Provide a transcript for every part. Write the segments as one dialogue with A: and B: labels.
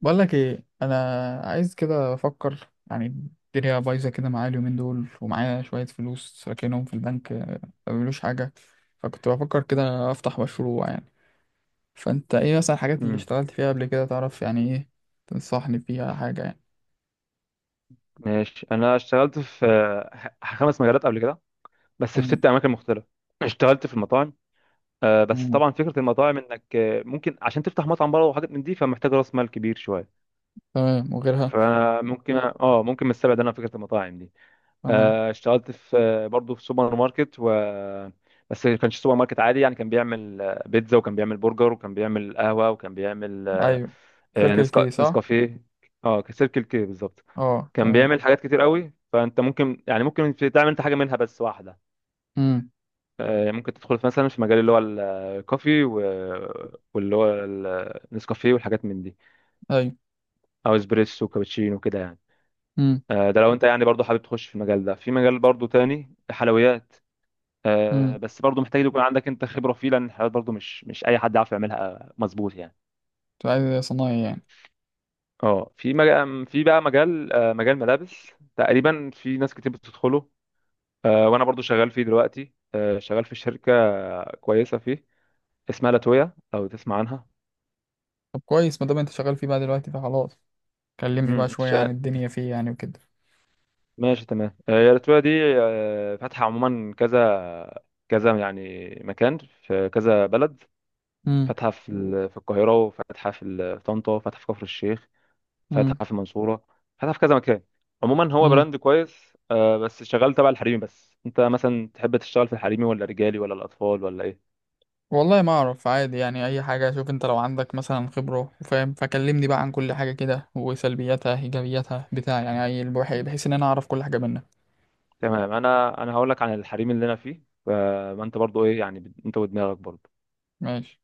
A: بقول لك ايه، انا عايز كده افكر يعني. الدنيا بايظه كده معايا اليومين دول، ومعايا شويه فلوس راكنهم في البنك، ما بيعملوش حاجه. فكنت بفكر كده افتح مشروع يعني. فانت ايه مثلا الحاجات اللي
B: امم
A: اشتغلت فيها قبل كده؟ تعرف يعني ايه تنصحني فيها حاجه يعني؟
B: ماشي. انا اشتغلت في خمس مجالات قبل كده، بس في
A: مم.
B: ست اماكن مختلفه. اشتغلت في المطاعم. بس
A: مم.
B: طبعا فكره المطاعم انك ممكن عشان تفتح مطعم بره وحاجات من دي، فمحتاج راس مال كبير شويه.
A: تمام وغيرها.
B: فممكن ممكن من السبع ده انا فكره المطاعم دي.
A: تمام.
B: اشتغلت في برضه في سوبر ماركت و، بس ما كانش سوبر ماركت عادي يعني. كان بيعمل بيتزا، وكان بيعمل برجر، وكان بيعمل قهوه، وكان بيعمل
A: ايوه، سيركل كي صح؟
B: نسكافيه. اه، سيركل كي بالظبط.
A: اه،
B: كان
A: تمام.
B: بيعمل حاجات كتير قوي، فانت ممكن يعني تعمل انت حاجه منها بس واحده.
A: امم.
B: ممكن تدخل في مثلا في مجال اللي هو الكوفي واللي هو النسكافيه والحاجات من دي،
A: ايوه.
B: او اسبريسو وكابتشينو وكده يعني.
A: امم.
B: ده لو انت يعني برضه حابب تخش في المجال ده. في مجال برضه تاني، حلويات.
A: امم.
B: بس برضه محتاج يكون عندك انت خبره فيه، لان الحلويات برضه مش اي حد يعرف يعملها مظبوط يعني.
A: انت عايز صنايعي يعني؟
B: اه، في مجال، في بقى مجال، مجال ملابس، تقريبا في ناس كتير بتدخله. وانا برضو شغال فيه دلوقتي، شغال في شركه كويسه فيه، اسمها لاتويا لو تسمع عنها.
A: طب كويس، ما دام انت شغال فيه بقى دلوقتي فخلاص. كلمني
B: امم
A: بقى
B: إنت
A: شويه
B: شا-
A: عن الدنيا فيه يعني وكده.
B: ماشي، تمام. هي لاتويا دي فاتحه عموما كذا كذا يعني مكان، في كذا بلد. فاتحه في في القاهره، وفاتحه في في طنطا، وفاتحه في كفر الشيخ،
A: مم.
B: فاتحه في المنصوره، فاتحه في كذا مكان. عموما هو
A: مم.
B: براند كويس. بس شغال تبع الحريمي بس. انت مثلا تحب تشتغل في الحريمي ولا رجالي ولا الاطفال ولا
A: والله ما اعرف، عادي يعني اي حاجه. شوف انت لو عندك مثلا خبره وفاهم، فكلمني بقى عن كل حاجه كده، وسلبياتها ايجابياتها بتاع
B: ايه؟
A: يعني، اي البحي، بحيث ان انا اعرف كل حاجه منك.
B: تمام، انا هقول لك عن الحريم اللي انا فيه. ما انت برضو ايه يعني، انت ودماغك برضو.
A: ماشي.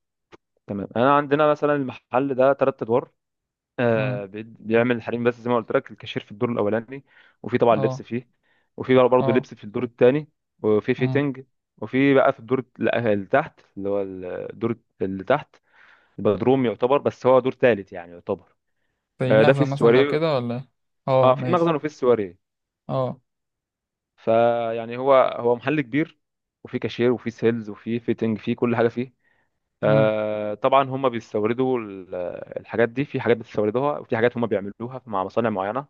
B: تمام. انا عندنا مثلا المحل ده ثلاث ادوار.
A: امم.
B: بيعمل الحريم بس. زي ما قلت لك الكاشير في الدور الاولاني، وفي طبعا
A: اه.
B: لبس فيه، وفي بقى برضو
A: اه.
B: لبس في الدور الثاني، وفي
A: امم.
B: فيتنج، وفي بقى في اللي تحت، اللي هو الدور اللي تحت، البدروم يعتبر، بس هو دور ثالث يعني يعتبر.
A: زي
B: ده في
A: مخزن مثلا لو
B: السواري.
A: كده، ولا إيه؟
B: اه،
A: اه،
B: في
A: ماشي.
B: مخزن وفي السواري.
A: اه.
B: فيعني هو محل كبير، وفيه كاشير وفيه سيلز وفيه فيتنج، فيه كل حاجه فيه.
A: امم.
B: آه طبعا هم بيستوردوا الحاجات دي. في حاجات بتستوردوها، وفي حاجات هم بيعملوها مع مصانع معينه.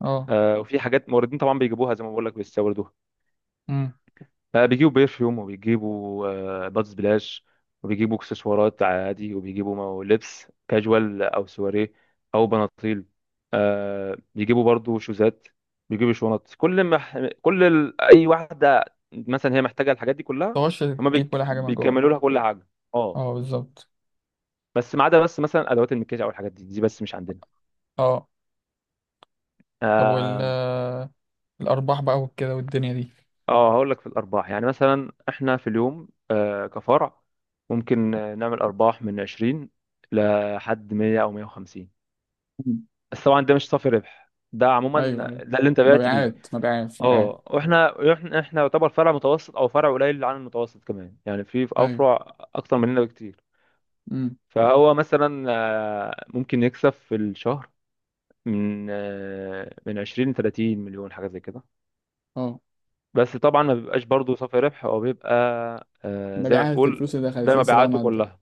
A: اه.
B: آه، وفي حاجات موردين طبعا بيجيبوها زي ما بقول لك بيستوردوها.
A: امم.
B: بيجيبوا برفيوم، وبيجيبوا بادز بلاش، وبيجيبوا اكسسوارات عادي، وبيجيبوا لبس كاجوال او سواريه او بناطيل. بيجيبوا برضو شوزات، بيجيبوا شنط، كل ما كل ال... اي واحده مثلا هي محتاجه الحاجات دي كلها
A: تخش تجيب كل حاجه من
B: بيكملوا
A: جوه.
B: لها كل حاجه. اه،
A: اه، بالظبط.
B: بس ما عدا بس مثلا ادوات المكياج او الحاجات دي، دي بس مش
A: اه. طب، وال
B: عندنا.
A: آه، الارباح بقى وكده والدنيا دي؟
B: اه هقول لك في الارباح. يعني مثلا احنا في اليوم، كفرع، ممكن نعمل ارباح من 20 لحد 100 او 150،
A: مم.
B: بس طبعا ده مش صافي ربح، ده عموما
A: ايوه، ايوه.
B: ده اللي انت بعت بيه.
A: مبيعات مبيعات مبيعات.
B: اه، واحنا احنا احنا يعتبر فرع متوسط او فرع قليل عن المتوسط كمان يعني، في
A: ايوه.
B: افرع اكتر مننا بكتير.
A: امم.
B: فهو مثلا ممكن يكسب في الشهر من من 20 ل 30 مليون، حاجه زي كده.
A: اه،
B: بس طبعا ما بيبقاش برضه صافي ربح، هو بيبقى آه
A: ما
B: زي ما
A: بيعادت
B: تقول،
A: الفلوس اللي دخلت
B: ده
A: لسه بقى ما
B: مبيعاته
A: عد-
B: كلها.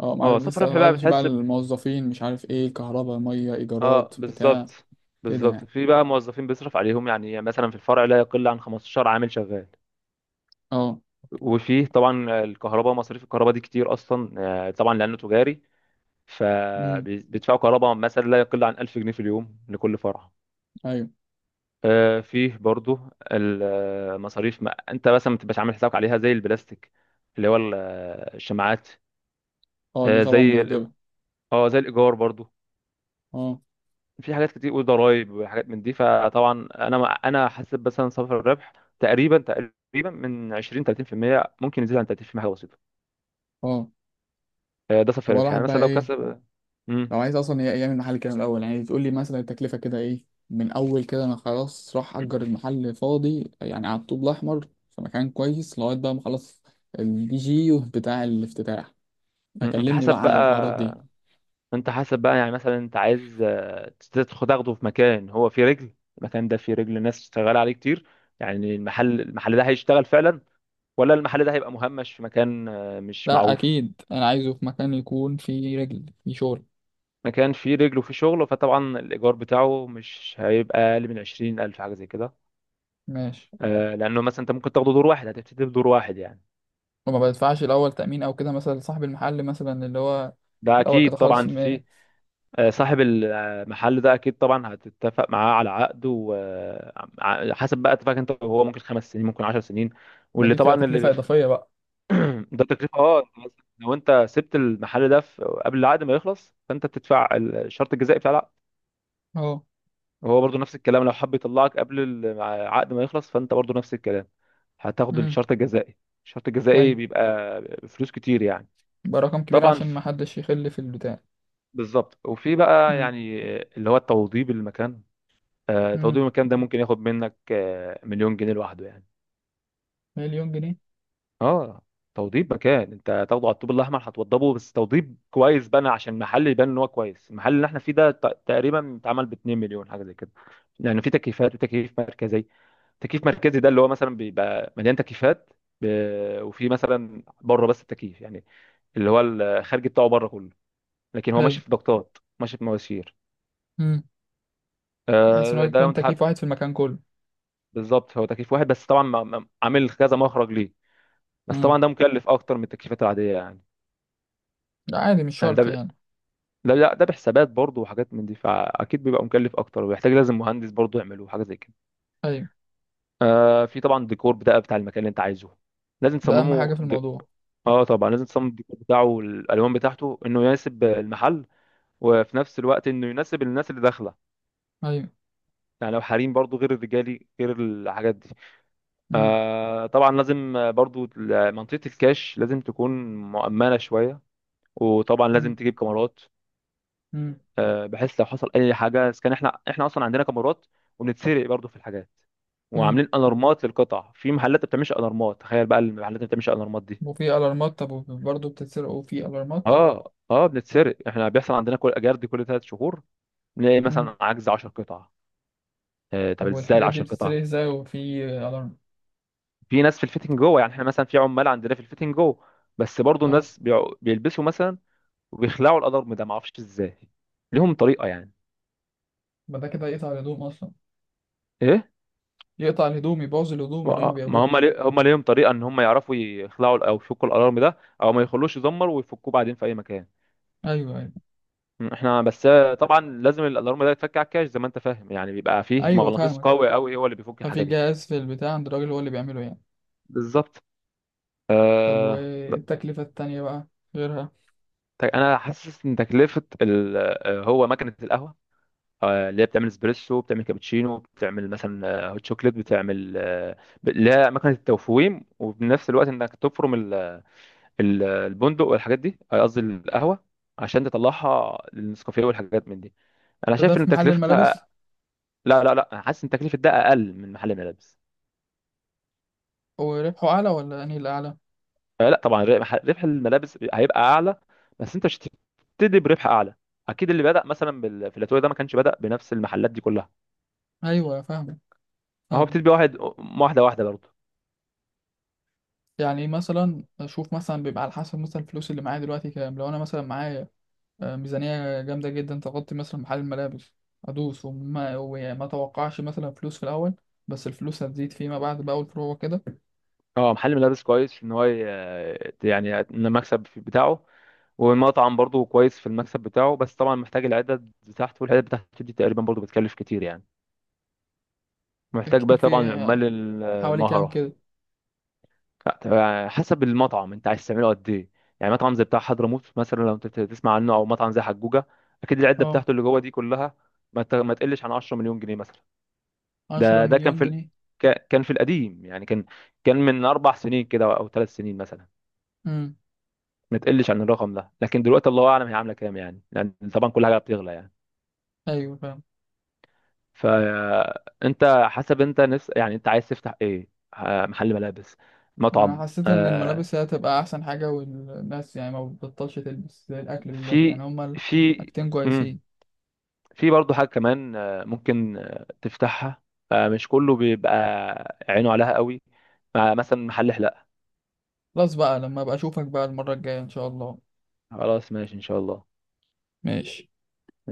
A: اه، ما
B: اه
A: عدت
B: صافي
A: لسه،
B: ربح
A: ما
B: بقى
A: عدتش بقى
B: بتحس
A: الموظفين، مش عارف ايه، كهرباء، ميه،
B: اه
A: ايجارات بتاع.
B: بالظبط.
A: كده يعني.
B: في بقى موظفين بيصرف عليهم، يعني مثلا في الفرع لا يقل عن 15 عامل شغال.
A: اه.
B: وفيه طبعا الكهرباء، مصاريف الكهرباء دي كتير اصلا. طبعا لانه تجاري،
A: امم.
B: فبيدفعوا كهرباء مثلا لا يقل عن 1000 جنيه في اليوم لكل فرع.
A: ايوه.
B: فيه برضو المصاريف، ما انت مثلا ما تبقاش عامل حسابك عليها، زي البلاستيك اللي هو الشماعات.
A: اه. دي
B: آه،
A: طبعا
B: زي الإي-
A: بيجيبها.
B: اه زي الايجار برضو.
A: اه.
B: في حاجات كتير وضرايب وحاجات من دي. فطبعا انا ما- انا حاسب مثلا صافر الربح تقريبا من 20 30%، ممكن يزيد عن 30% حاجه بسيطه.
A: اه.
B: ده صافي
A: طب
B: الربح، يعني
A: الواحد بقى
B: مثلا لو
A: ايه
B: كسب.
A: لو
B: مم.
A: عايز اصلا يعمل محل كده من الاول يعني؟ تقول لي مثلا التكلفه كده ايه من اول كده؟ انا خلاص راح اجر المحل فاضي يعني على الطوب الاحمر، في مكان كويس، لغايه بقى ما اخلص الدي جي بتاع الافتتاح.
B: مم. انت
A: فكلمني
B: حسب
A: بقى على الحوارات دي.
B: بقى. انت حسب بقى. يعني مثلا انت عايز تدخل تاخده في مكان هو فيه رجل، المكان ده فيه رجل، ناس شغاله عليه كتير يعني، المحل ده هيشتغل فعلا، ولا المحل ده هيبقى مهمش في مكان مش
A: لا،
B: معروف.
A: اكيد انا عايزه في مكان يكون فيه رجل فيه شغل.
B: مكان فيه رجله في شغله، فطبعا الإيجار بتاعه مش هيبقى أقل من 20,000، حاجة زي كده.
A: ماشي.
B: لأنه مثلا أنت ممكن تاخده دور واحد، هتبتدي بدور واحد يعني.
A: وما بدفعش الاول تامين او كده مثلا لصاحب المحل، مثلا اللي هو
B: ده
A: في الاول كده
B: أكيد طبعا،
A: خالص،
B: اه
A: ما؟
B: في. صاحب المحل ده أكيد طبعا هتتفق معاه على عقد، وحسب بقى اتفاق أنت وهو، ممكن 5 سنين ممكن 10 سنين.
A: ما
B: واللي
A: دي بتبقى
B: طبعا اللي
A: تكلفه
B: بيخ...
A: اضافيه بقى؟
B: ده تكلفة. أه أنت مثلاً لو أنت سبت المحل ده قبل العقد ما يخلص، فأنت بتدفع الشرط الجزائي بتاع.
A: اه.
B: هو برضو نفس الكلام، لو حب يطلعك قبل العقد ما يخلص، فانت برضو نفس الكلام، هتاخد
A: امم.
B: الشرط الجزائي. الشرط الجزائي
A: ايوه.
B: بيبقى فلوس كتير يعني.
A: يبقى رقم كبير
B: طبعا
A: عشان ما
B: في.
A: حدش يخل في البتاع.
B: بالظبط. وفي بقى
A: امم.
B: يعني اللي هو التوضيب المكان. توضيب
A: امم.
B: المكان ده ممكن ياخد منك 1,000,000 جنيه لوحده يعني.
A: مليون جنيه؟
B: اه، توضيب مكان انت هتاخده على الطوب الاحمر، هتوضبه بس توضيب كويس بقى عشان المحل يبان ان هو كويس. المحل اللي احنا فيه ده تقريبا اتعمل ب 2 مليون، حاجه زي كده. لان في تكييفات وتكييف مركزي. تكييف مركزي ده اللي هو مثلا بيبقى مليان تكييفات، وفي مثلا بره بس التكييف، يعني اللي هو الخارجي بتاعه بره كله، لكن هو ماشي
A: ايوه.
B: في ضغطات، ماشي في مواسير.
A: امم. بحيث ان هو
B: ده لو
A: يكون
B: انت
A: تكييف
B: حابب.
A: واحد في المكان كله.
B: بالظبط، هو تكييف واحد، بس طبعا عامل كذا مخرج ليه. بس
A: امم.
B: طبعا ده مكلف اكتر من التكييفات العاديه يعني.
A: ده عادي مش
B: يعني
A: شرط
B: ده،
A: يعني؟
B: لا، ده بحسابات برضه وحاجات من دي، فاكيد بيبقى مكلف اكتر، ويحتاج لازم مهندس برضه يعمله، حاجه زي كده.
A: ايوه.
B: آه في طبعا ديكور بقى بتاع المكان اللي انت عايزه، لازم
A: ده اهم حاجه في الموضوع.
B: اه طبعا لازم تصمم الديكور بتاعه والالوان بتاعته، انه يناسب المحل، وفي نفس الوقت انه يناسب الناس اللي داخله.
A: ايوه.
B: يعني لو حريم برضه، غير الرجالي، غير الحاجات دي.
A: امم.
B: آه طبعا لازم برضه منطقه الكاش لازم تكون مؤمنه شويه، وطبعا لازم
A: امم.
B: تجيب كاميرات.
A: امم.
B: بحيث لو حصل اي حاجه. اذا كان احنا اصلا عندنا كاميرات، وبنتسرق برضو في الحاجات.
A: امم.
B: وعاملين الارمات للقطع، في محلات ما بتعملش الارمات، تخيل بقى المحلات اللي ما بتعملش الارمات دي.
A: وفي الارمات؟ طب برضه بتتسرق وفي الارمات؟
B: اه، بنتسرق احنا. بيحصل عندنا كل جرد كل 3 شهور، بنلاقي مثلا عجز 10 قطع. طب
A: طب
B: ازاي ال
A: والحاجات دي
B: 10 قطع؟
A: بتتسرق ازاي وفي الارم؟
B: في ناس في الفيتنج جوه. يعني احنا مثلا في عمال عندنا في الفيتنج جوه، بس برضو
A: اه،
B: الناس بيلبسوا مثلا وبيخلعوا الالارم ده، ما اعرفش ازاي، ليهم طريقه يعني.
A: ما ده كده يقطع الهدوم اصلا.
B: ايه
A: يقطع الهدوم، يبوظ الهدوم اللي هم
B: ما ما
A: بياخدوه.
B: هم لي... هم ليهم طريقه ان هم يعرفوا يخلعوا او يفكوا الالارم ده، او ما يخلوش يزمر، ويفكوه بعدين في اي مكان.
A: ايوه، ايوه.
B: احنا بس طبعا لازم الالارم ده يتفك على الكاش، زي ما انت فاهم يعني، بيبقى فيه
A: ايوه،
B: مغناطيس
A: فاهمك.
B: قوي هو اللي بيفك
A: ففي
B: الحاجه دي.
A: جهاز في البتاع عند الراجل هو اللي بيعمله يعني؟
B: بالظبط.
A: طب
B: أه... ب-
A: والتكلفة التانية بقى غيرها؟
B: انا حاسس ان تكلفه ال... آه، هو مكنه القهوه، اللي هي بتعمل اسبريسو، بتعمل كابتشينو، بتعمل مثلا هوت شوكليت، بتعمل اللي هي مكنه التوفويم، وبنفس الوقت انك تفرم البندق والحاجات دي، قصدي القهوه، عشان تطلعها للنسكافيه والحاجات من دي. انا
A: ده
B: شايف ان
A: في محل الملابس؟
B: تكلفتها، لا، انا حاسس ان تكلفه ده اقل من محل الملابس.
A: وربحه اعلى ولا انهي الاعلى؟
B: لا طبعا، ربح الملابس هيبقى اعلى، بس انت مش هتبتدي بربح اعلى. اكيد اللي بدأ مثلا في الاتوبيس ده، ما كانش بدأ بنفس المحلات دي كلها.
A: ايوه، فاهمك،
B: ما هو بتبقى
A: فاهمك.
B: واحد، واحده برضه.
A: يعني مثلا اشوف مثلا بيبقى على حسب مثلا الفلوس اللي معايا دلوقتي كام. لو انا مثلا معايا ميزانية جامدة جدا تغطي مثلا محل الملابس، أدوس وما توقعش مثلا فلوس في الأول، بس الفلوس هتزيد فيما بعد بقى والفروع كده.
B: اه محل ملابس كويس، يعني إن المكسب بتاعه. والمطعم برضه كويس في المكسب بتاعه، بس طبعا محتاج العدد بتاعته، والعدد بتاعته دي تقريبا برضه بتكلف كتير يعني، محتاج بقى
A: كتير
B: طبعا
A: في؟
B: العمال
A: حوالي كام
B: المهرة.
A: كده؟
B: لا، حسب المطعم انت عايز تعمله قد ايه. يعني مطعم زي بتاع حضرموت مثلا لو انت تسمع عنه، او مطعم زي حجوجة، اكيد العدة
A: اه،
B: بتاعته اللي جوه دي كلها ما تقلش عن 10 مليون جنيه مثلا.
A: عشرة
B: ده ده كان
A: مليون
B: في
A: جنيه
B: كان في القديم يعني، كان، كان من 4 سنين كده او 3 سنين مثلا.
A: امم.
B: ما تقلش عن الرقم ده، لكن دلوقتي الله اعلم هي عامله كام يعني، لان طبعا كل حاجه بتغلى يعني.
A: أيوة، فاهم.
B: فانت حسب انت نفس، يعني انت عايز تفتح ايه؟ محل ملابس،
A: ما أنا
B: مطعم،
A: حسيت إن
B: آه،
A: الملابس هي هتبقى أحسن حاجة، والناس يعني ما بتبطلش تلبس زي الأكل بالظبط يعني،
B: في
A: هما
B: في
A: الحاجتين
B: مم.
A: كويسين.
B: في برضه حاجه كمان ممكن تفتحها، مش كله بيبقى عينه عليها قوي، مثلا محل حلاقه.
A: خلاص بقى، لما أبقى أشوفك بقى المرة الجاية إن شاء الله.
B: خلاص ماشي، ان شاء الله.
A: ماشي.